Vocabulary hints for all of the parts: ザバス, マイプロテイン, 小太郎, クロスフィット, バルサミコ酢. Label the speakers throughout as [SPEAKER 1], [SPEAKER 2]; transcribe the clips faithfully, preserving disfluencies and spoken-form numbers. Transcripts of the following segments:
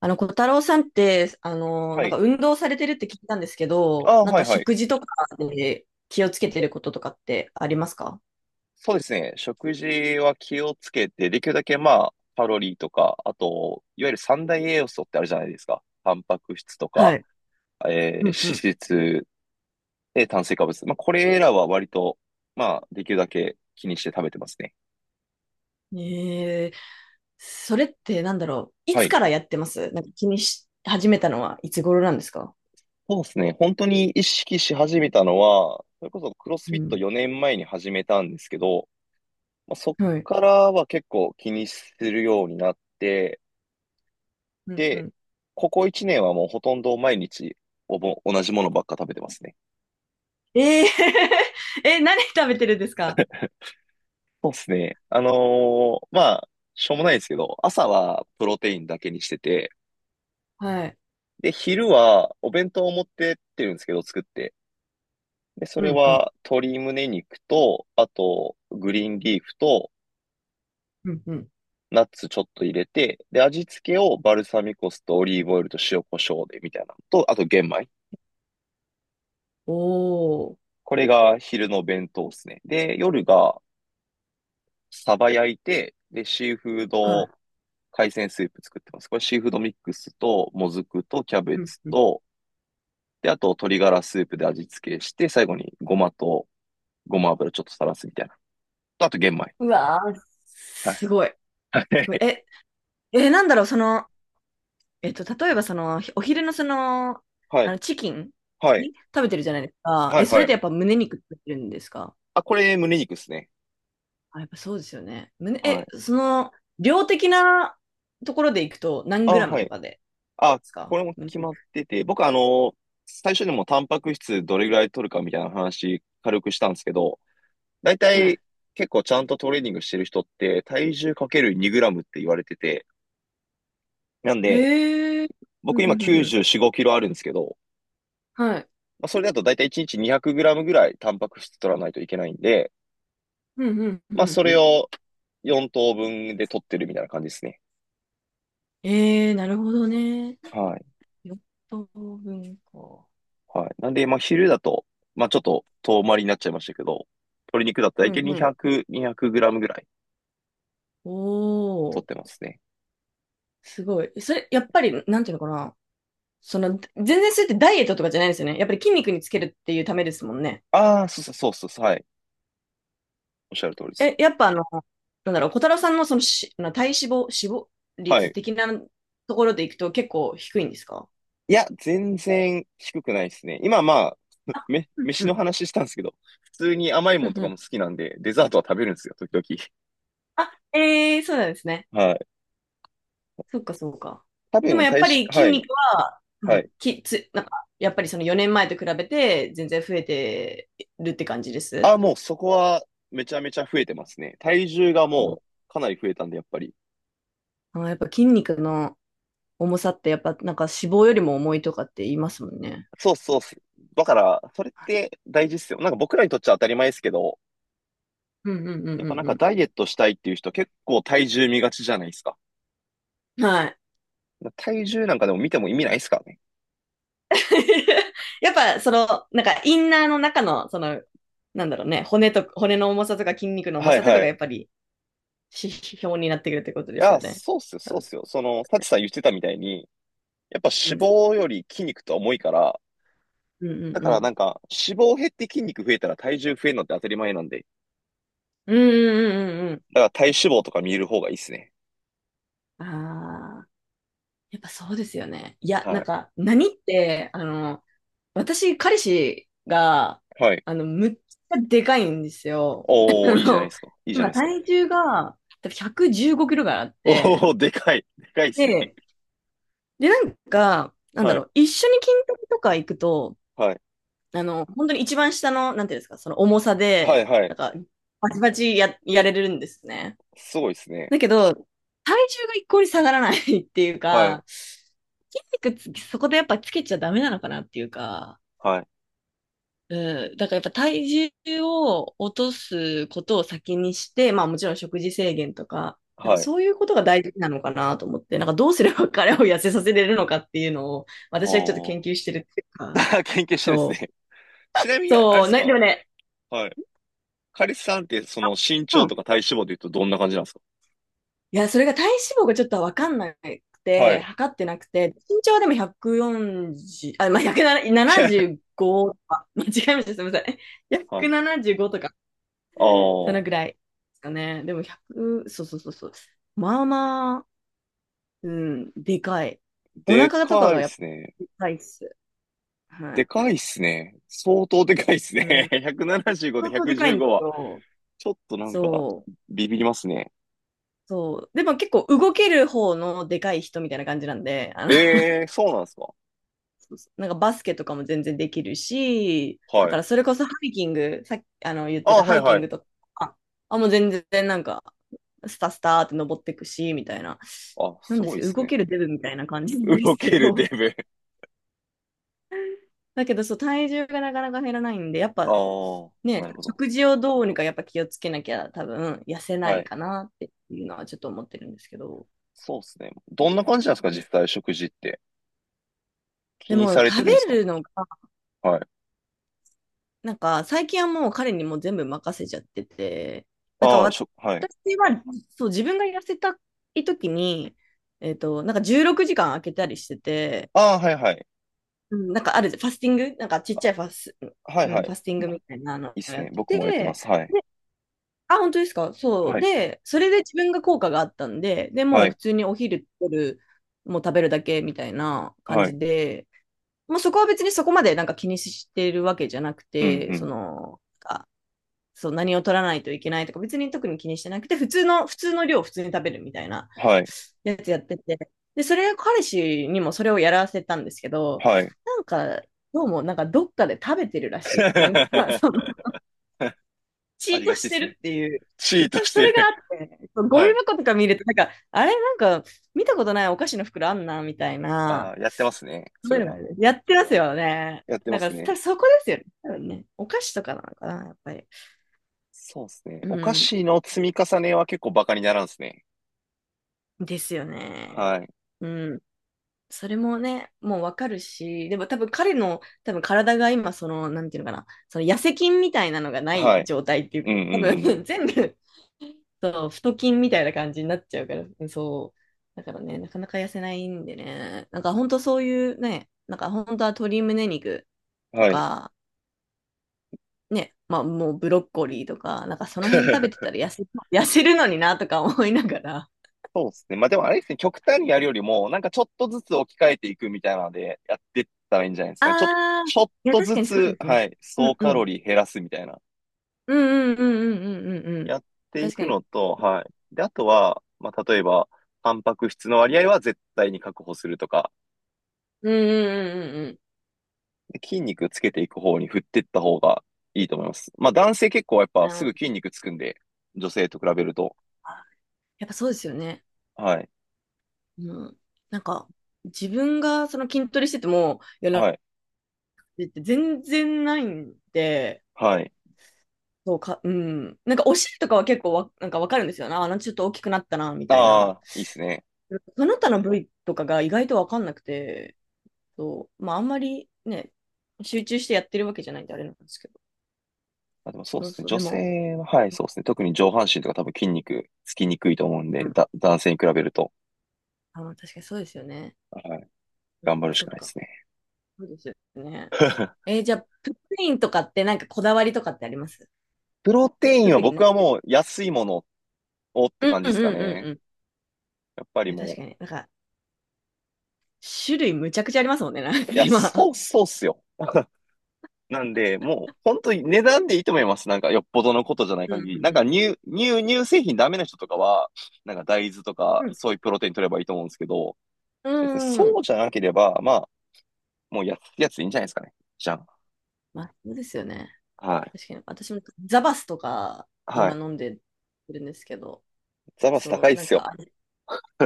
[SPEAKER 1] あの、小太郎さんって、あの、
[SPEAKER 2] は
[SPEAKER 1] なんか
[SPEAKER 2] い。
[SPEAKER 1] 運動されてるって聞いたんですけど、
[SPEAKER 2] あー
[SPEAKER 1] なん
[SPEAKER 2] は
[SPEAKER 1] か
[SPEAKER 2] いはい。
[SPEAKER 1] 食事とかで気をつけてることとかってありますか？
[SPEAKER 2] そうですね。食事は気をつけて、できるだけまあ、カロリーとか、あと、いわゆる三大栄養素ってあるじゃないですか。タンパク質と
[SPEAKER 1] は
[SPEAKER 2] か、
[SPEAKER 1] い。
[SPEAKER 2] えー
[SPEAKER 1] う
[SPEAKER 2] 脂
[SPEAKER 1] んう
[SPEAKER 2] 質、で、炭水化物。まあ、これらは割と、まあ、できるだけ気にして食べてますね。
[SPEAKER 1] ん。えー、それってなんだろう。い
[SPEAKER 2] は
[SPEAKER 1] つ
[SPEAKER 2] い。
[SPEAKER 1] からやってますなんか気にし始めたのはいつ頃なんですか？
[SPEAKER 2] そうですね。本当に意識し始めたのは、それこそクロス
[SPEAKER 1] う
[SPEAKER 2] フィット
[SPEAKER 1] ん。
[SPEAKER 2] よねんまえに始めたんですけど、まあ、そっ
[SPEAKER 1] はい。
[SPEAKER 2] からは結構気にするようになって、
[SPEAKER 1] うんう
[SPEAKER 2] で、
[SPEAKER 1] ん。
[SPEAKER 2] ここいちねんはもうほとんど毎日おぼ同じものばっか食べてますね。
[SPEAKER 1] えー、え、何食べてるんですか？
[SPEAKER 2] そうですね。あのーまあ、しょうもないですけど、朝はプロテインだけにしてて、
[SPEAKER 1] はい。
[SPEAKER 2] で、昼はお弁当を持ってってるんですけど、作って。で、そ
[SPEAKER 1] う
[SPEAKER 2] れ
[SPEAKER 1] んうん。
[SPEAKER 2] は鶏胸肉と、あと、グリーンリーフと、
[SPEAKER 1] うんうん。
[SPEAKER 2] ナッツちょっと入れて、で、味付けをバルサミコ酢とオリーブオイルと塩コショウでみたいなのと、あと玄米。
[SPEAKER 1] おー。
[SPEAKER 2] これが昼の弁当ですね。で、夜がサバ焼いて、で、シーフー
[SPEAKER 1] は
[SPEAKER 2] ド
[SPEAKER 1] い。
[SPEAKER 2] 海鮮スープ作ってます。これシーフードミックスと、もずくと、キャベ
[SPEAKER 1] うん
[SPEAKER 2] ツ
[SPEAKER 1] うん。
[SPEAKER 2] と、で、あと鶏ガラスープで味付けして、最後にごまと、ごま油ちょっとさらすみたいな。とあと玄米。
[SPEAKER 1] うわー、
[SPEAKER 2] はい。
[SPEAKER 1] すごい。
[SPEAKER 2] は
[SPEAKER 1] すごい。
[SPEAKER 2] い。
[SPEAKER 1] え、え、なんだろう、その、えっと、例えばその、お昼のその、
[SPEAKER 2] は
[SPEAKER 1] あ
[SPEAKER 2] い。
[SPEAKER 1] の、チキン
[SPEAKER 2] はい。
[SPEAKER 1] に食べてるじゃないですか。
[SPEAKER 2] はい。
[SPEAKER 1] え、そ
[SPEAKER 2] は
[SPEAKER 1] れっ
[SPEAKER 2] い
[SPEAKER 1] てやっぱ胸肉食べてるんですか？
[SPEAKER 2] あ、これ胸肉ですね。
[SPEAKER 1] あ、やっぱそうですよね。胸、
[SPEAKER 2] は
[SPEAKER 1] え、
[SPEAKER 2] い。
[SPEAKER 1] その、量的なところでいくと何
[SPEAKER 2] あ、
[SPEAKER 1] グラム
[SPEAKER 2] は
[SPEAKER 1] と
[SPEAKER 2] い。
[SPEAKER 1] かでで
[SPEAKER 2] あ、
[SPEAKER 1] す
[SPEAKER 2] こ
[SPEAKER 1] か、
[SPEAKER 2] れも
[SPEAKER 1] 胸
[SPEAKER 2] 決ま
[SPEAKER 1] 肉？
[SPEAKER 2] ってて、僕あの、最初にもタンパク質どれぐらい取るかみたいな話軽くしたんですけど、大
[SPEAKER 1] は
[SPEAKER 2] 体
[SPEAKER 1] い。
[SPEAKER 2] 結構ちゃんとトレーニングしてる人って体重かけるにグラムって言われてて、なんで、
[SPEAKER 1] へえ。ふ
[SPEAKER 2] 僕
[SPEAKER 1] んふ
[SPEAKER 2] 今
[SPEAKER 1] んふんふん、
[SPEAKER 2] きゅうじゅうよん、ごキロあるんですけど、
[SPEAKER 1] はい。
[SPEAKER 2] まあ、それだと大体いちにちにひゃくグラムぐらいタンパク質取らないといけないんで、
[SPEAKER 1] ふんふん
[SPEAKER 2] ま
[SPEAKER 1] ふ
[SPEAKER 2] あ
[SPEAKER 1] ん
[SPEAKER 2] そ
[SPEAKER 1] ふ
[SPEAKER 2] れ
[SPEAKER 1] ん。
[SPEAKER 2] をよん等分で取ってるみたいな感じですね。
[SPEAKER 1] ええ、なるほどね。
[SPEAKER 2] はい。
[SPEAKER 1] よん等分か。
[SPEAKER 2] はい。なんで、まあ昼だと、まあちょっと遠回りになっちゃいましたけど、鶏肉だと
[SPEAKER 1] う
[SPEAKER 2] 大
[SPEAKER 1] ん
[SPEAKER 2] 体
[SPEAKER 1] うん。
[SPEAKER 2] にひゃく、にひゃくグラムぐらい
[SPEAKER 1] お
[SPEAKER 2] 取っ
[SPEAKER 1] ー、
[SPEAKER 2] てますね。
[SPEAKER 1] すごい。それ、やっぱり、なんていうのかな。その、全然それってダイエットとかじゃないですよね。やっぱり筋肉につけるっていうためですもんね。
[SPEAKER 2] ああ、そうそうそうそう、はい。おっしゃる通りです。
[SPEAKER 1] え、やっぱあの、なんだろう、小太郎さんのそのし、あの体脂肪、脂肪
[SPEAKER 2] は
[SPEAKER 1] 率
[SPEAKER 2] い。
[SPEAKER 1] 的なところでいくと結構低いんですか？
[SPEAKER 2] いや、全然低くないですね。今まあ、め、
[SPEAKER 1] うんう
[SPEAKER 2] 飯の
[SPEAKER 1] ん、
[SPEAKER 2] 話したんですけど、普通に甘い
[SPEAKER 1] う
[SPEAKER 2] もん
[SPEAKER 1] ん
[SPEAKER 2] と
[SPEAKER 1] う
[SPEAKER 2] かも
[SPEAKER 1] ん。
[SPEAKER 2] 好きなんで、デザートは食べるんですよ、時々。
[SPEAKER 1] あ、ええーそうなんですね。
[SPEAKER 2] はい。
[SPEAKER 1] そっかそっか。
[SPEAKER 2] 多
[SPEAKER 1] でも
[SPEAKER 2] 分、
[SPEAKER 1] やっ
[SPEAKER 2] 体
[SPEAKER 1] ぱ
[SPEAKER 2] 脂、
[SPEAKER 1] り筋
[SPEAKER 2] は
[SPEAKER 1] 肉
[SPEAKER 2] い、
[SPEAKER 1] は、う
[SPEAKER 2] はい。
[SPEAKER 1] んきつ、なんか、やっぱりそのよねんまえと比べて全然増えてるって感じです？
[SPEAKER 2] あ、もうそこはめちゃめちゃ増えてますね。体重が
[SPEAKER 1] あの
[SPEAKER 2] もうかなり増えたんで、やっぱり。
[SPEAKER 1] あやっぱ筋肉の重さってやっぱなんか脂肪よりも重いとかって言いますもんね。
[SPEAKER 2] そうそうっす。だから、それって大事っすよ。なんか僕らにとっちゃ当たり前ですけど、
[SPEAKER 1] うんうんうん
[SPEAKER 2] やっぱなん
[SPEAKER 1] う
[SPEAKER 2] か
[SPEAKER 1] ん
[SPEAKER 2] ダイエットしたいっていう人結構体重見がちじゃないですか。
[SPEAKER 1] うん。はい。
[SPEAKER 2] 体重なんかでも見ても意味ないですからね。
[SPEAKER 1] やっぱ、その、なんか、インナーの中の、その、なんだろうね、骨と、骨の重さとか筋肉の重
[SPEAKER 2] はい
[SPEAKER 1] さとか
[SPEAKER 2] は
[SPEAKER 1] がや
[SPEAKER 2] い。
[SPEAKER 1] っぱり指標になってくるってこと
[SPEAKER 2] い
[SPEAKER 1] です
[SPEAKER 2] や、
[SPEAKER 1] よね。
[SPEAKER 2] そうっすよ、そうっすよ。その、サチさん言ってたみたいに、やっぱ
[SPEAKER 1] う
[SPEAKER 2] 脂
[SPEAKER 1] ん。
[SPEAKER 2] 肪より筋肉とは重いから、
[SPEAKER 1] うんう
[SPEAKER 2] だ
[SPEAKER 1] ん
[SPEAKER 2] か
[SPEAKER 1] う
[SPEAKER 2] らな
[SPEAKER 1] ん。
[SPEAKER 2] んか、脂肪減って筋肉増えたら体重増えるのって当たり前なんで、
[SPEAKER 1] うんうんうんうん。
[SPEAKER 2] だから体脂肪とか見える方がいいっすね。
[SPEAKER 1] ああ、やっぱそうですよね。いや、
[SPEAKER 2] は
[SPEAKER 1] なん
[SPEAKER 2] い。
[SPEAKER 1] か、何って、あの、私、彼氏が、
[SPEAKER 2] はい。
[SPEAKER 1] あの、むっちゃでかいんですよ。
[SPEAKER 2] お
[SPEAKER 1] あ
[SPEAKER 2] ー、いいじゃないで
[SPEAKER 1] の、
[SPEAKER 2] すか。いいじゃな
[SPEAKER 1] 今、
[SPEAKER 2] いですか。
[SPEAKER 1] 体重が、多分ひゃくじゅうごキロぐらいあって、
[SPEAKER 2] おー、でかい。でかいっすね。
[SPEAKER 1] で、で、なんか、なんだ
[SPEAKER 2] は
[SPEAKER 1] ろ
[SPEAKER 2] い。
[SPEAKER 1] う、一緒に筋トレとか行くと、
[SPEAKER 2] はい。
[SPEAKER 1] あの、本当に一番下の、なんていうんですか、その重さ
[SPEAKER 2] はい、
[SPEAKER 1] で、
[SPEAKER 2] は
[SPEAKER 1] な
[SPEAKER 2] い。
[SPEAKER 1] んか、バチバチや、やれるんですね。
[SPEAKER 2] すごいっすね。
[SPEAKER 1] だけど、体重が一向に下がらない っていう
[SPEAKER 2] はい。
[SPEAKER 1] か、筋肉つそこでやっぱつけちゃダメなのかなっていうか、
[SPEAKER 2] はい。
[SPEAKER 1] うん、だからやっぱ体重を落とすことを先にして、まあもちろん食事制限とか、なんか
[SPEAKER 2] はい。
[SPEAKER 1] そういうことが大事なのかなと思って、なんかどうすれば 彼を痩せさせれるのかっていうのを私はちょっと
[SPEAKER 2] お
[SPEAKER 1] 研
[SPEAKER 2] ー。
[SPEAKER 1] 究してるっていうか、
[SPEAKER 2] 研究してるんです
[SPEAKER 1] そ
[SPEAKER 2] ね。
[SPEAKER 1] う。
[SPEAKER 2] ちなみに、あれで
[SPEAKER 1] そう、
[SPEAKER 2] す
[SPEAKER 1] ね、で
[SPEAKER 2] か。
[SPEAKER 1] もね、
[SPEAKER 2] はい。カリスさんって、その身
[SPEAKER 1] う
[SPEAKER 2] 長とか
[SPEAKER 1] ん。
[SPEAKER 2] 体脂肪で言うとどんな感じなんですか。
[SPEAKER 1] いや、それが体脂肪がちょっとわかんなく
[SPEAKER 2] は
[SPEAKER 1] て、
[SPEAKER 2] い。
[SPEAKER 1] 測ってなくて、身長はでもひゃくよんじゅう、あ、まあ、ひゃくななじゅうごとか、間違えました、すみません。
[SPEAKER 2] はい。
[SPEAKER 1] ひゃくななじゅうごとか
[SPEAKER 2] あ
[SPEAKER 1] その
[SPEAKER 2] あ、
[SPEAKER 1] ぐらいですかね。でもひゃく、そうそうそうそう。まあまあ、うん、でかい。お
[SPEAKER 2] で
[SPEAKER 1] 腹とか
[SPEAKER 2] か
[SPEAKER 1] が
[SPEAKER 2] いっ
[SPEAKER 1] やっぱ
[SPEAKER 2] すね。
[SPEAKER 1] でかいっす。は
[SPEAKER 2] で
[SPEAKER 1] い。
[SPEAKER 2] かいっすね。相当でかいっす
[SPEAKER 1] う
[SPEAKER 2] ね。
[SPEAKER 1] ん。
[SPEAKER 2] いちななごで
[SPEAKER 1] 相当でかいんで
[SPEAKER 2] いちいちご
[SPEAKER 1] す
[SPEAKER 2] は、
[SPEAKER 1] よ。
[SPEAKER 2] ちょっとなんか、
[SPEAKER 1] そう。
[SPEAKER 2] ビビりますね。
[SPEAKER 1] そう。でも結構動ける方のでかい人みたいな感じなんで、あの、
[SPEAKER 2] ええー、そうなんですか。
[SPEAKER 1] そうそうなんかバスケとかも全然できるし、だ
[SPEAKER 2] は
[SPEAKER 1] か
[SPEAKER 2] い。
[SPEAKER 1] らそれこそハイキング、さっきあの言ってた
[SPEAKER 2] あ、は
[SPEAKER 1] ハ
[SPEAKER 2] い
[SPEAKER 1] イキ
[SPEAKER 2] は
[SPEAKER 1] ング
[SPEAKER 2] い。
[SPEAKER 1] とか、あ、もう全然なんか、スタスタって登ってくし、みたいな。
[SPEAKER 2] あ、
[SPEAKER 1] なん
[SPEAKER 2] す
[SPEAKER 1] で
[SPEAKER 2] ご
[SPEAKER 1] す
[SPEAKER 2] いっ
[SPEAKER 1] けど、
[SPEAKER 2] す
[SPEAKER 1] 動
[SPEAKER 2] ね。
[SPEAKER 1] けるデブみたいな感じなんです
[SPEAKER 2] 動
[SPEAKER 1] け
[SPEAKER 2] けるデ
[SPEAKER 1] ど。
[SPEAKER 2] ブ。
[SPEAKER 1] だけど、そう、体重がなかなか減らないんで、やっ
[SPEAKER 2] あ
[SPEAKER 1] ぱ、
[SPEAKER 2] あ、
[SPEAKER 1] ね、
[SPEAKER 2] なるほど。
[SPEAKER 1] 食事をどうにかやっぱ気をつけなきゃ多分痩せな
[SPEAKER 2] は
[SPEAKER 1] い
[SPEAKER 2] い。
[SPEAKER 1] かなっていうのはちょっと思ってるんですけど。
[SPEAKER 2] そうっすね。どんな感じなんですか、
[SPEAKER 1] うん、
[SPEAKER 2] 実際食事って。気
[SPEAKER 1] で
[SPEAKER 2] に
[SPEAKER 1] も
[SPEAKER 2] され
[SPEAKER 1] 食
[SPEAKER 2] て
[SPEAKER 1] べ
[SPEAKER 2] るんですか。
[SPEAKER 1] るのが
[SPEAKER 2] はい。
[SPEAKER 1] なんか、最近はもう彼にもう全部任せちゃってて、なんか
[SPEAKER 2] ああ、
[SPEAKER 1] 私
[SPEAKER 2] しょ、はい。
[SPEAKER 1] は、そう、自分が痩せたい時に、えっと、なんかじゅうろくじかん空けたりしてて、
[SPEAKER 2] ああ、はいはい。
[SPEAKER 1] うんなんかある、ファスティング、なんかちっちゃ
[SPEAKER 2] あ、
[SPEAKER 1] いファス、
[SPEAKER 2] はい
[SPEAKER 1] う
[SPEAKER 2] は
[SPEAKER 1] ん、ファ
[SPEAKER 2] い。
[SPEAKER 1] スティングみたいなの
[SPEAKER 2] いいっ
[SPEAKER 1] を
[SPEAKER 2] す
[SPEAKER 1] やっ
[SPEAKER 2] ね。
[SPEAKER 1] て
[SPEAKER 2] 僕
[SPEAKER 1] て、
[SPEAKER 2] もやってま
[SPEAKER 1] で、
[SPEAKER 2] す。はい。
[SPEAKER 1] あ、本当ですか？そう。
[SPEAKER 2] はい。
[SPEAKER 1] で、それで自分が効果があったんで、で、も
[SPEAKER 2] は
[SPEAKER 1] う普
[SPEAKER 2] い。
[SPEAKER 1] 通にお昼取る、もう食べるだけみたいな感
[SPEAKER 2] はい。
[SPEAKER 1] じで、もうそこは別にそこまでなんか気にしてるわけじゃなく
[SPEAKER 2] うん
[SPEAKER 1] て、
[SPEAKER 2] う
[SPEAKER 1] そ
[SPEAKER 2] ん。
[SPEAKER 1] の、あ、そう、何を取らないといけないとか、別に特に気にしてなくて、普通の、普通の量を普通に食べるみたいな
[SPEAKER 2] はい。
[SPEAKER 1] やつやってて、で、それ、彼氏にもそれをやらせたんですけど、
[SPEAKER 2] はい。
[SPEAKER 1] なんか、どうも、なんかどっかで食べてるらしい。なんか、その、チ
[SPEAKER 2] あ
[SPEAKER 1] ー
[SPEAKER 2] り
[SPEAKER 1] ト
[SPEAKER 2] がち
[SPEAKER 1] し
[SPEAKER 2] で
[SPEAKER 1] て
[SPEAKER 2] す
[SPEAKER 1] る
[SPEAKER 2] ね。
[SPEAKER 1] っていう。
[SPEAKER 2] チートし
[SPEAKER 1] そ
[SPEAKER 2] て
[SPEAKER 1] れが
[SPEAKER 2] る。
[SPEAKER 1] あって、ゴミ
[SPEAKER 2] はい。
[SPEAKER 1] 箱とか見ると、なんか、あれなんか、見たことないお菓子の袋あんな、みたい
[SPEAKER 2] あ
[SPEAKER 1] な。
[SPEAKER 2] あ、やってますね。そ
[SPEAKER 1] そう
[SPEAKER 2] れ
[SPEAKER 1] いうのが
[SPEAKER 2] は。
[SPEAKER 1] やってますよね。
[SPEAKER 2] やって
[SPEAKER 1] な
[SPEAKER 2] ま
[SPEAKER 1] んか、
[SPEAKER 2] す
[SPEAKER 1] 多
[SPEAKER 2] ね。
[SPEAKER 1] 分そこですよね。多分ね。お菓子とかなのかな、やっぱり。
[SPEAKER 2] そうですね。
[SPEAKER 1] う
[SPEAKER 2] お菓
[SPEAKER 1] ん。
[SPEAKER 2] 子の積み重ねは結構バカにならんですね。
[SPEAKER 1] ですよね。
[SPEAKER 2] はい。
[SPEAKER 1] うん。それもね、もうわかるし、でも多分彼の多分体が今、その、なんていうのかな、その痩せ筋みたいなのがな
[SPEAKER 2] は
[SPEAKER 1] い
[SPEAKER 2] い。
[SPEAKER 1] 状態ってい
[SPEAKER 2] う
[SPEAKER 1] う、
[SPEAKER 2] んう
[SPEAKER 1] 多分
[SPEAKER 2] ん
[SPEAKER 1] 全部、そう、太筋みたいな感じになっちゃうから、うん、そう。だからね、なかなか痩せないんでね、なんか本当そういうね、なんか本当は鶏胸肉
[SPEAKER 2] うん。
[SPEAKER 1] と
[SPEAKER 2] はい。
[SPEAKER 1] か、ね、まあもうブロッコリーとか、なんかその辺食べてた ら痩せ、痩せるのになとか思いながら。
[SPEAKER 2] そうですね。まあでもあれですね、極端にやるよりも、なんかちょっとずつ置き換えていくみたいなので、やってったらいいんじゃないで すかね。ちょ、
[SPEAKER 1] ああ、
[SPEAKER 2] ちょっ
[SPEAKER 1] いや
[SPEAKER 2] と
[SPEAKER 1] 確
[SPEAKER 2] ず
[SPEAKER 1] かにそう
[SPEAKER 2] つ、
[SPEAKER 1] ですね。
[SPEAKER 2] はい、
[SPEAKER 1] う
[SPEAKER 2] 総
[SPEAKER 1] ん
[SPEAKER 2] カ
[SPEAKER 1] う
[SPEAKER 2] ロ
[SPEAKER 1] ん。
[SPEAKER 2] リー減らすみたいな。
[SPEAKER 1] うんうんうんうんうんうんうん。
[SPEAKER 2] やってい
[SPEAKER 1] 確か
[SPEAKER 2] く
[SPEAKER 1] に。
[SPEAKER 2] のと、はい。で、あとは、まあ、例えば、タンパク質の割合は絶対に確保するとか、
[SPEAKER 1] うんうんうんう
[SPEAKER 2] で筋肉つけていく方に振っていった方がいいと思います。まあ、男性結構やっ
[SPEAKER 1] んう
[SPEAKER 2] ぱ
[SPEAKER 1] ん。う
[SPEAKER 2] すぐ
[SPEAKER 1] ん、
[SPEAKER 2] 筋肉つくんで、女性と比べると。
[SPEAKER 1] やっぱそうですよね。
[SPEAKER 2] はい。
[SPEAKER 1] うん。なんか、自分がその筋トレしてても、いや、ラ
[SPEAKER 2] はい。
[SPEAKER 1] ジって全然ないんで、
[SPEAKER 2] はい。
[SPEAKER 1] そうか、うん。なんかお尻とかは結構わ、なんかわかるんですよな。あ、なんかちょっと大きくなったな、みたい
[SPEAKER 2] あ
[SPEAKER 1] な。
[SPEAKER 2] あ、いいですね。
[SPEAKER 1] その他の部位とかが意外とわかんなくて、そう。まあ、あんまりね、集中してやってるわけじゃないんであれなんですけど。
[SPEAKER 2] あ、でもそうで
[SPEAKER 1] そう
[SPEAKER 2] すね。
[SPEAKER 1] そう。
[SPEAKER 2] 女
[SPEAKER 1] でも、
[SPEAKER 2] 性は、はい、そうですね。特に上半身とか多分筋肉つきにくいと思うん
[SPEAKER 1] う
[SPEAKER 2] で、
[SPEAKER 1] ん。
[SPEAKER 2] だ、男性に比べると、
[SPEAKER 1] あ、確かにそうですよね。
[SPEAKER 2] はい、頑張
[SPEAKER 1] え、
[SPEAKER 2] るし
[SPEAKER 1] そっ
[SPEAKER 2] かないで
[SPEAKER 1] か。
[SPEAKER 2] すね。
[SPEAKER 1] そうですよね。えーじゃあ、プップインとかってなんかこだわりとかってあります？
[SPEAKER 2] プロテインは
[SPEAKER 1] 特にね。
[SPEAKER 2] 僕はもう安いものをって
[SPEAKER 1] うん
[SPEAKER 2] 感じ
[SPEAKER 1] う
[SPEAKER 2] で
[SPEAKER 1] んう
[SPEAKER 2] すか
[SPEAKER 1] んうんう
[SPEAKER 2] ね。
[SPEAKER 1] ん。
[SPEAKER 2] やっぱ
[SPEAKER 1] い
[SPEAKER 2] り
[SPEAKER 1] や、
[SPEAKER 2] も
[SPEAKER 1] 確か
[SPEAKER 2] う
[SPEAKER 1] に。なんか、種類むちゃくちゃありますもんね、なんか
[SPEAKER 2] いや、
[SPEAKER 1] 今。
[SPEAKER 2] そう、そうっすよ。なんで、もう、本当に値段でいいと思います。なんか、よっぽどのことじゃない
[SPEAKER 1] うん
[SPEAKER 2] 限り。
[SPEAKER 1] う
[SPEAKER 2] なんか、
[SPEAKER 1] んうん
[SPEAKER 2] 乳、乳、乳製品ダメな人とかは、なんか、大豆と
[SPEAKER 1] う
[SPEAKER 2] か、
[SPEAKER 1] ん。
[SPEAKER 2] そういうプロテイン取ればいいと思うんですけど、
[SPEAKER 1] う
[SPEAKER 2] 別に
[SPEAKER 1] ん。
[SPEAKER 2] そ
[SPEAKER 1] うん。
[SPEAKER 2] うじゃなければ、まあ、もう安いやついいんじゃないですかね。じゃん。
[SPEAKER 1] まあ、そうですよね。
[SPEAKER 2] はい。
[SPEAKER 1] 確かに。私もザバスとか、
[SPEAKER 2] は
[SPEAKER 1] 今
[SPEAKER 2] い。
[SPEAKER 1] 飲んでるんですけど。
[SPEAKER 2] ザバス
[SPEAKER 1] そ
[SPEAKER 2] 高
[SPEAKER 1] う、
[SPEAKER 2] いっ
[SPEAKER 1] なん
[SPEAKER 2] す
[SPEAKER 1] か、あ、
[SPEAKER 2] よ。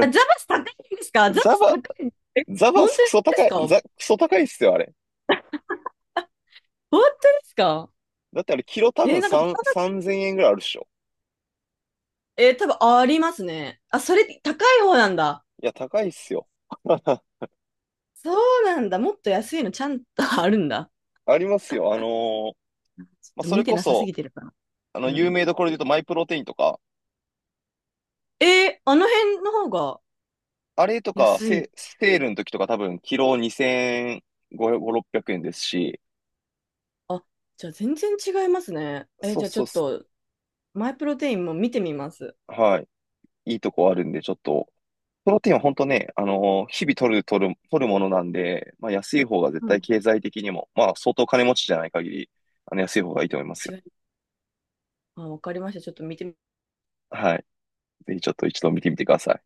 [SPEAKER 1] あ ザバス高いんですか？ザバ
[SPEAKER 2] ザ
[SPEAKER 1] ス高
[SPEAKER 2] バ、
[SPEAKER 1] いんえ、
[SPEAKER 2] ザバ
[SPEAKER 1] 本当
[SPEAKER 2] スクソ
[SPEAKER 1] で
[SPEAKER 2] 高
[SPEAKER 1] す
[SPEAKER 2] い、
[SPEAKER 1] か？本
[SPEAKER 2] ザ、クソ高いっすよ、あれ。
[SPEAKER 1] 当ですか？
[SPEAKER 2] だってあれ、キロ多
[SPEAKER 1] えー
[SPEAKER 2] 分
[SPEAKER 1] なんかザ
[SPEAKER 2] さん、
[SPEAKER 1] バス、
[SPEAKER 2] さんぜんえんぐらいあるっしょ。
[SPEAKER 1] えー多分ありますね。あ、それ高い方なんだ。
[SPEAKER 2] いや、高いっすよ。
[SPEAKER 1] そうなんだ。もっと安いのちゃんとあるんだ。
[SPEAKER 2] ありますよ。あのー
[SPEAKER 1] ちょっ
[SPEAKER 2] まあ、
[SPEAKER 1] と
[SPEAKER 2] そ
[SPEAKER 1] 見
[SPEAKER 2] れ
[SPEAKER 1] て
[SPEAKER 2] こ
[SPEAKER 1] なさす
[SPEAKER 2] そ、
[SPEAKER 1] ぎてるかな。
[SPEAKER 2] あの、
[SPEAKER 1] う
[SPEAKER 2] 有
[SPEAKER 1] ん。
[SPEAKER 2] 名どころで言うと、マイプロテインとか、
[SPEAKER 1] えーあの辺の方が
[SPEAKER 2] あれとか、
[SPEAKER 1] 安い。
[SPEAKER 2] セ、セールの時とか多分、キロにせんごひゃく、ろっぴゃくえんですし、
[SPEAKER 1] あ、じゃあ全然違いますね。え、
[SPEAKER 2] そ
[SPEAKER 1] じ
[SPEAKER 2] う
[SPEAKER 1] ゃあち
[SPEAKER 2] そ
[SPEAKER 1] ょ
[SPEAKER 2] う
[SPEAKER 1] っ
[SPEAKER 2] す、
[SPEAKER 1] と、マイプロテインも見てみます。
[SPEAKER 2] はい。いいとこあるんで、ちょっと、プロテインは本当ね、あのー日々取る、取る、取るものなんで、まあ、安い方が絶
[SPEAKER 1] う
[SPEAKER 2] 対
[SPEAKER 1] ん。
[SPEAKER 2] 経済的にも、まあ、相当金持ちじゃない限り、あの、安い方がいいと思いますよ。
[SPEAKER 1] 違い、あ、わかりました。ちょっと見て
[SPEAKER 2] はい。ぜひちょっと一度見てみてください。